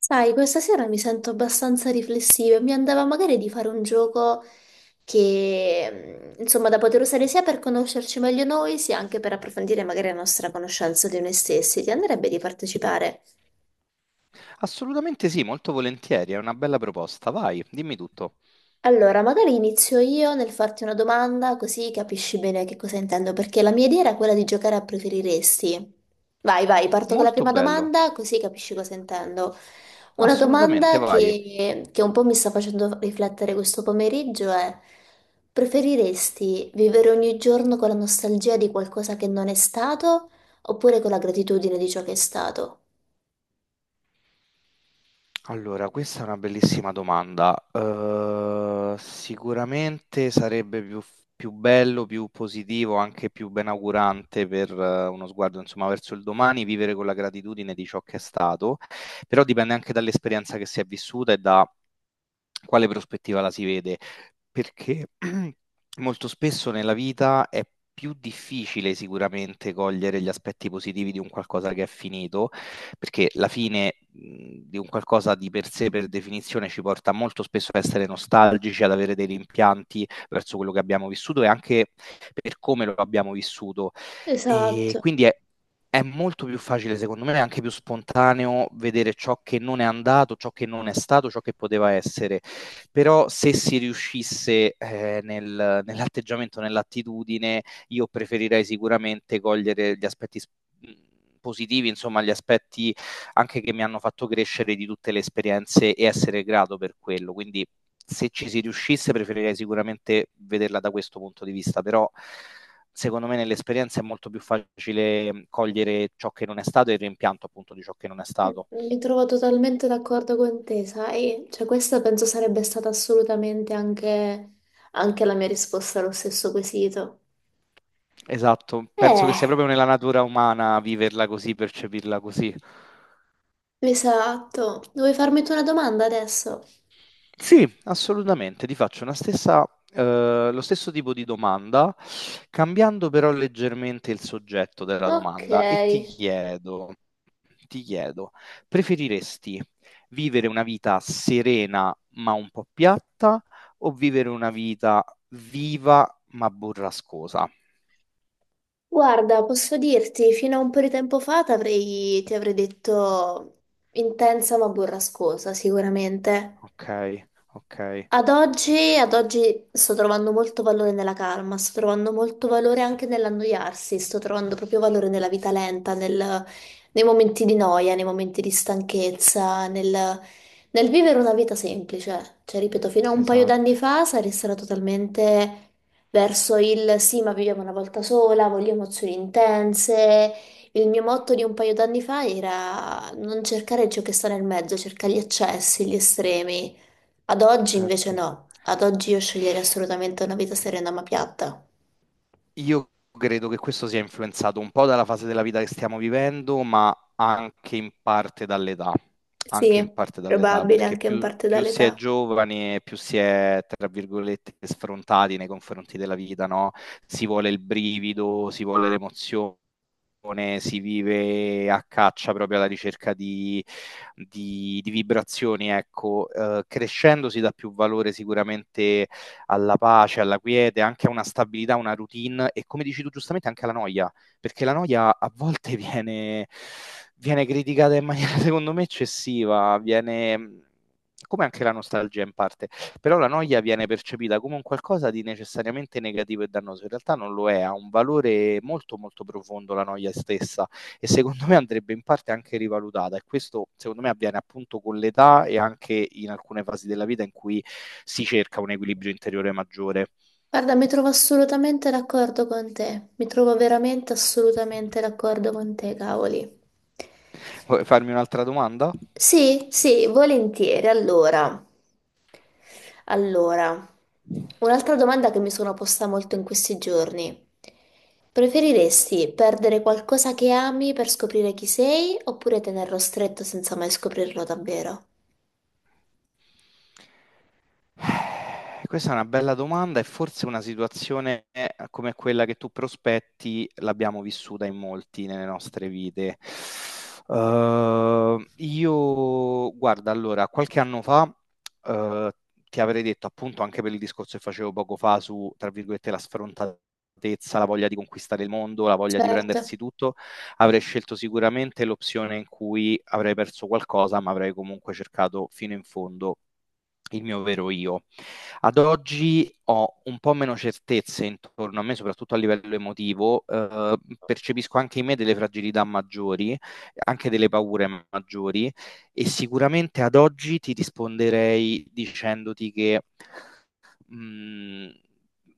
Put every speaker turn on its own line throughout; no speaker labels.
Sai, questa sera mi sento abbastanza riflessiva e mi andava magari di fare un gioco che, insomma, da poter usare sia per conoscerci meglio noi, sia anche per approfondire magari la nostra conoscenza di noi stessi. Ti andrebbe di partecipare?
Assolutamente sì, molto volentieri, è una bella proposta. Vai, dimmi tutto.
Allora, magari inizio io nel farti una domanda così capisci bene che cosa intendo, perché la mia idea era quella di giocare a preferiresti. Vai, parto con la
Molto
prima
bello.
domanda così capisci cosa intendo. Una
Assolutamente,
domanda
vai.
che un po' mi sta facendo riflettere questo pomeriggio è: preferiresti vivere ogni giorno con la nostalgia di qualcosa che non è stato oppure con la gratitudine di ciò che è stato?
Allora, questa è una bellissima domanda. Sicuramente sarebbe più bello, più positivo, anche più benaugurante per uno sguardo, insomma, verso il domani, vivere con la gratitudine di ciò che è stato, però dipende anche dall'esperienza che si è vissuta e da quale prospettiva la si vede, perché molto spesso nella vita è più difficile sicuramente cogliere gli aspetti positivi di un qualcosa che è finito, perché la fine di un qualcosa di per sé, per definizione, ci porta molto spesso a essere nostalgici, ad avere dei rimpianti verso quello che abbiamo vissuto e anche per come lo abbiamo vissuto. E
Esatto.
quindi è molto più facile, secondo me, è anche più spontaneo vedere ciò che non è andato, ciò che non è stato, ciò che poteva essere, però se si riuscisse nell'atteggiamento, nell'attitudine, io preferirei sicuramente cogliere gli positivi, insomma gli aspetti anche che mi hanno fatto crescere di tutte le esperienze e essere grato per quello. Quindi se ci si riuscisse preferirei sicuramente vederla da questo punto di vista, però secondo me nell'esperienza è molto più facile cogliere ciò che non è stato e il rimpianto appunto di ciò che non è stato.
Mi trovo totalmente d'accordo con te, sai? Cioè, questa penso sarebbe stata assolutamente anche la mia risposta allo stesso quesito.
Esatto, penso che sia
Eh,
proprio nella natura umana viverla così, percepirla così.
esatto. Vuoi farmi tu una domanda adesso?
Sì, assolutamente, ti faccio lo stesso tipo di domanda, cambiando però leggermente il soggetto della
Ok.
domanda e ti chiedo: preferiresti vivere una vita serena ma un po' piatta, o vivere una vita viva ma burrascosa?
Guarda, posso dirti, fino a un po' di tempo fa ti avrei detto intensa ma burrascosa, sicuramente.
Ok, ok,
Ad oggi sto trovando molto valore nella calma, sto trovando molto valore anche nell'annoiarsi, sto trovando proprio valore nella vita lenta, nei momenti di noia, nei momenti di stanchezza, nel vivere una vita semplice. Cioè, ripeto, fino a un paio d'anni
esatto,
fa sarei stata totalmente verso il sì, ma viviamo una volta sola, voglio emozioni intense. Il mio motto di un paio d'anni fa era non cercare ciò che sta nel mezzo, cerca gli eccessi, gli estremi. Ad oggi invece
certo.
no, ad oggi io sceglierei assolutamente una vita serena ma piatta.
Io credo che questo sia influenzato un po' dalla fase della vita che stiamo vivendo, ma anche in parte dall'età, anche in
Sì,
parte dall'età,
probabile
perché
anche in parte
più si è
dall'età.
giovani e più si è, tra virgolette, sfrontati nei confronti della vita, no? Si vuole il brivido, si vuole l'emozione, meditazione, si vive a caccia proprio alla ricerca di vibrazioni, ecco. Crescendo si dà più valore sicuramente alla pace, alla quiete, anche a una stabilità, una routine e come dici tu giustamente anche alla noia, perché la noia a volte viene criticata in maniera secondo me eccessiva, viene come anche la nostalgia in parte. Però la noia viene percepita come un qualcosa di necessariamente negativo e dannoso. In realtà non lo è, ha un valore molto molto profondo la noia stessa, e secondo me andrebbe in parte anche rivalutata, e questo secondo me avviene appunto con l'età e anche in alcune fasi della vita in cui si cerca un equilibrio interiore maggiore.
Guarda, mi trovo assolutamente d'accordo con te, mi trovo veramente assolutamente d'accordo con te, cavoli.
Vuoi farmi un'altra domanda?
Sì, volentieri. Allora, un'altra domanda che mi sono posta molto in questi giorni. Preferiresti perdere qualcosa che ami per scoprire chi sei oppure tenerlo stretto senza mai scoprirlo davvero?
Questa è una bella domanda, e forse una situazione come quella che tu prospetti l'abbiamo vissuta in molti nelle nostre vite. Io, guarda, allora, qualche anno fa, eh, ti avrei detto appunto anche per il discorso che facevo poco fa su, tra virgolette, la sfrontatezza, la voglia di conquistare il mondo, la voglia di
Certo.
prendersi tutto, avrei scelto sicuramente l'opzione in cui avrei perso qualcosa, ma avrei comunque cercato fino in fondo il mio vero io. Ad oggi ho un po' meno certezze intorno a me, soprattutto a livello emotivo. Percepisco anche in me delle fragilità maggiori, anche delle paure maggiori, e sicuramente ad oggi ti risponderei dicendoti che mh,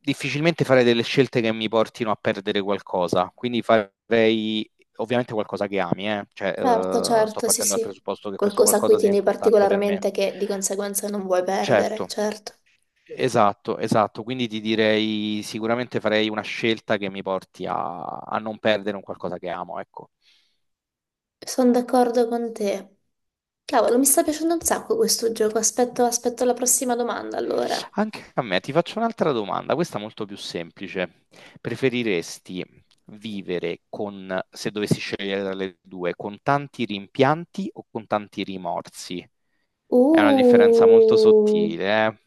difficilmente farei delle scelte che mi portino a perdere qualcosa, quindi farei ovviamente qualcosa che ami, eh. Cioè,
Certo,
sto
certo, sì,
partendo dal
sì.
presupposto che questo
Qualcosa a cui
qualcosa sia
tieni
importante per me.
particolarmente che di conseguenza non vuoi
Certo.
perdere, certo.
Esatto, esatto, quindi ti direi sicuramente farei una scelta che mi porti a non perdere un qualcosa che amo, ecco.
Sono d'accordo con te. Cavolo, mi sta piacendo un sacco questo gioco. Aspetto la prossima domanda, allora.
Anche a me, ti faccio un'altra domanda, questa molto più semplice. Preferiresti vivere con, se dovessi scegliere tra le due, con tanti rimpianti o con tanti rimorsi? È una differenza molto
Uh,
sottile, eh?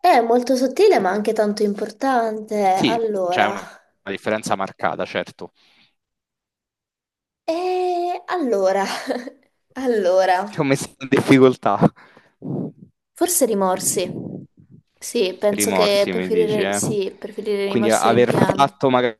è molto sottile, ma anche tanto importante.
Sì, c'è
Allora,
una differenza marcata, certo.
e allora,
Ti
allora,
ho messo in difficoltà.
forse rimorsi. Sì, penso che
Rimorsi, mi dici,
preferirei,
eh?
sì, preferirei
Quindi
rimorsi e
aver
rimpianti.
fatto, magari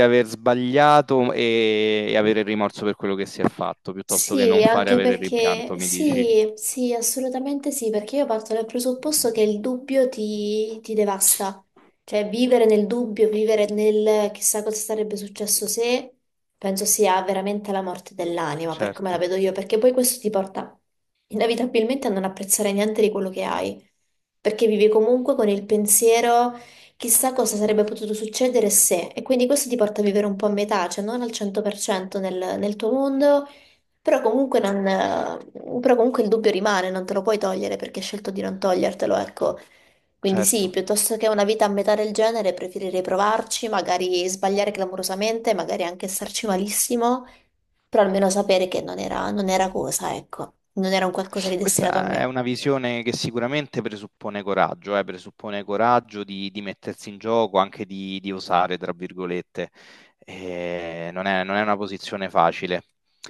aver sbagliato e avere il rimorso per quello che si è fatto, piuttosto che
Sì,
non fare e
anche
avere il
perché
rimpianto, mi dici.
sì, sì, assolutamente sì, perché io parto dal presupposto che il dubbio ti devasta. Cioè, vivere nel dubbio, vivere nel chissà cosa sarebbe successo se, penso sia veramente la morte dell'anima, per come la
Certo,
vedo io, perché poi questo ti porta inevitabilmente a non apprezzare niente di quello che hai, perché vivi comunque con il pensiero chissà cosa sarebbe potuto succedere se, e quindi questo ti porta a vivere un po' a metà, cioè non al 100% nel tuo mondo però comunque, non, però comunque il dubbio rimane, non te lo puoi togliere perché hai scelto di non togliertelo, ecco. Quindi sì,
certo.
piuttosto che una vita a metà del genere, preferirei provarci, magari sbagliare clamorosamente, magari anche starci malissimo, però almeno sapere che non era cosa, ecco, non era un qualcosa di destinato a
Questa è
me.
una visione che sicuramente presuppone coraggio di mettersi in gioco, anche di osare, tra virgolette. Non è una posizione facile.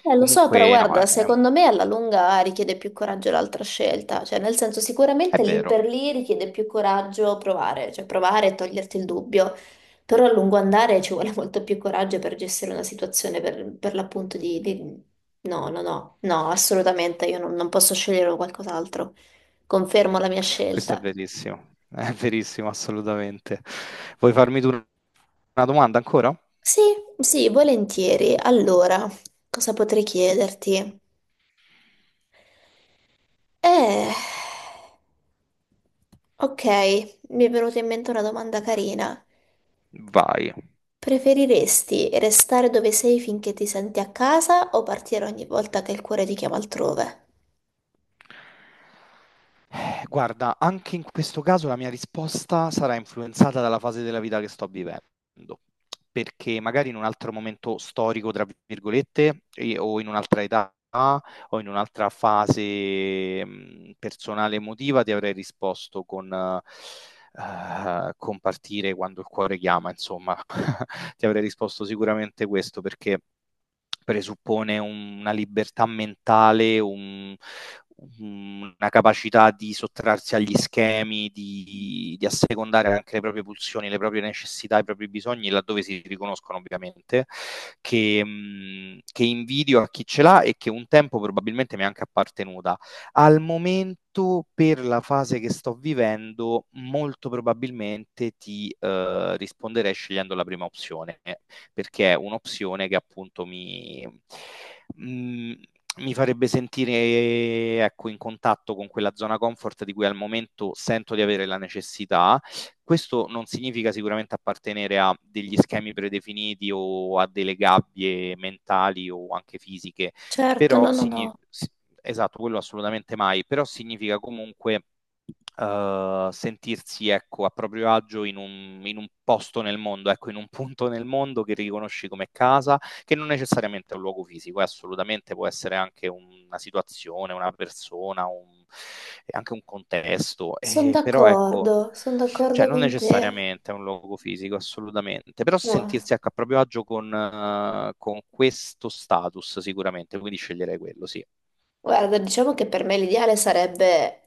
Lo so, però
Comunque, no,
guarda,
è un
secondo me alla lunga richiede più coraggio l'altra scelta, cioè nel senso
è
sicuramente lì
vero,
per lì richiede più coraggio provare, cioè provare e toglierti il dubbio, però a lungo andare ci vuole molto più coraggio per gestire una situazione per l'appunto No, no, assolutamente, io non, non posso scegliere qualcos'altro, confermo la mia
questo
scelta.
è verissimo, assolutamente. Vuoi farmi tu una domanda ancora?
Sì, sì, volentieri. Allora, cosa potrei chiederti? Eh, ok, mi è venuta in mente una domanda carina.
Vai.
Preferiresti restare dove sei finché ti senti a casa o partire ogni volta che il cuore ti chiama altrove?
Guarda, anche in questo caso la mia risposta sarà influenzata dalla fase della vita che sto vivendo, perché magari in un altro momento storico, tra virgolette, o in un'altra età o in un'altra fase personale emotiva ti avrei risposto con compartire quando il cuore chiama, insomma, ti avrei risposto sicuramente questo, perché presuppone una libertà mentale, una capacità di sottrarsi agli schemi, di assecondare anche le proprie pulsioni, le proprie necessità, i propri bisogni, laddove si riconoscono ovviamente, che invidio a chi ce l'ha e che un tempo probabilmente mi è anche appartenuta. Al momento, per la fase che sto vivendo, molto probabilmente ti risponderei scegliendo la prima opzione, perché è un'opzione che appunto mm, mi farebbe sentire, ecco, in contatto con quella zona comfort di cui al momento sento di avere la necessità. Questo non significa sicuramente appartenere a degli schemi predefiniti o a delle gabbie mentali o anche fisiche,
Certo,
però
no, no,
significa,
no.
esatto, quello assolutamente mai, però significa comunque sentirsi, ecco, a proprio agio in un posto nel mondo, ecco, in un punto nel mondo che riconosci come casa, che non necessariamente è un luogo fisico, assolutamente può essere anche una situazione, una persona, e anche un contesto,
Sono
però ecco,
d'accordo, sono
cioè
d'accordo
non
con te.
necessariamente è un luogo fisico, assolutamente, però
Mua.
sentirsi, ecco, a proprio agio con questo status sicuramente, quindi sceglierei quello, sì.
Guarda, diciamo che per me l'ideale sarebbe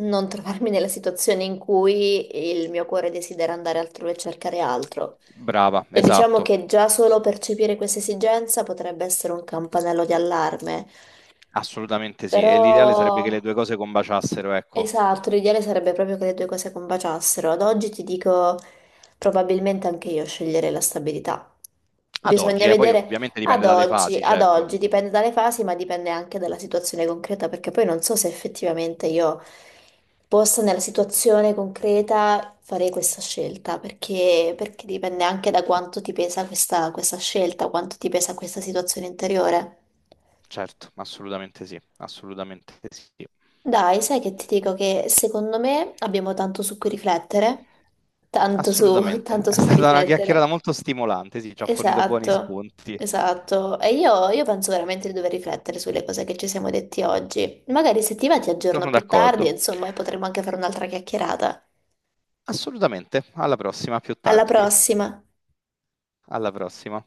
non trovarmi nella situazione in cui il mio cuore desidera andare altrove e cercare altro.
Brava,
E diciamo
esatto.
che già solo percepire questa esigenza potrebbe essere un campanello di allarme,
Assolutamente sì,
però
e l'ideale sarebbe che le due cose combaciassero, ecco.
esatto, l'ideale sarebbe proprio che le due cose combaciassero. Ad oggi ti dico, probabilmente anche io sceglierei la stabilità.
Ad
Bisogna
oggi, poi
vedere
ovviamente
ad
dipende dalle
oggi,
fasi,
ad
certo.
oggi, dipende dalle fasi, ma dipende anche dalla situazione concreta, perché poi non so se effettivamente io possa nella situazione concreta fare questa scelta, perché dipende anche da quanto ti pesa questa scelta, quanto ti pesa questa situazione interiore.
Certo, assolutamente sì, assolutamente sì.
Dai, sai che ti dico che secondo me abbiamo tanto su cui riflettere. Tanto su,
Assolutamente.
tanto
È
su cui
stata una chiacchierata
riflettere.
molto stimolante, sì, ci ha fornito buoni
Esatto,
spunti.
esatto. E io penso veramente di dover riflettere sulle cose che ci siamo detti oggi. Magari se ti va ti aggiorno
Sono
più tardi,
d'accordo.
insomma, e potremmo anche fare un'altra chiacchierata.
Assolutamente. Alla prossima, più
Alla
tardi.
prossima!
Alla prossima.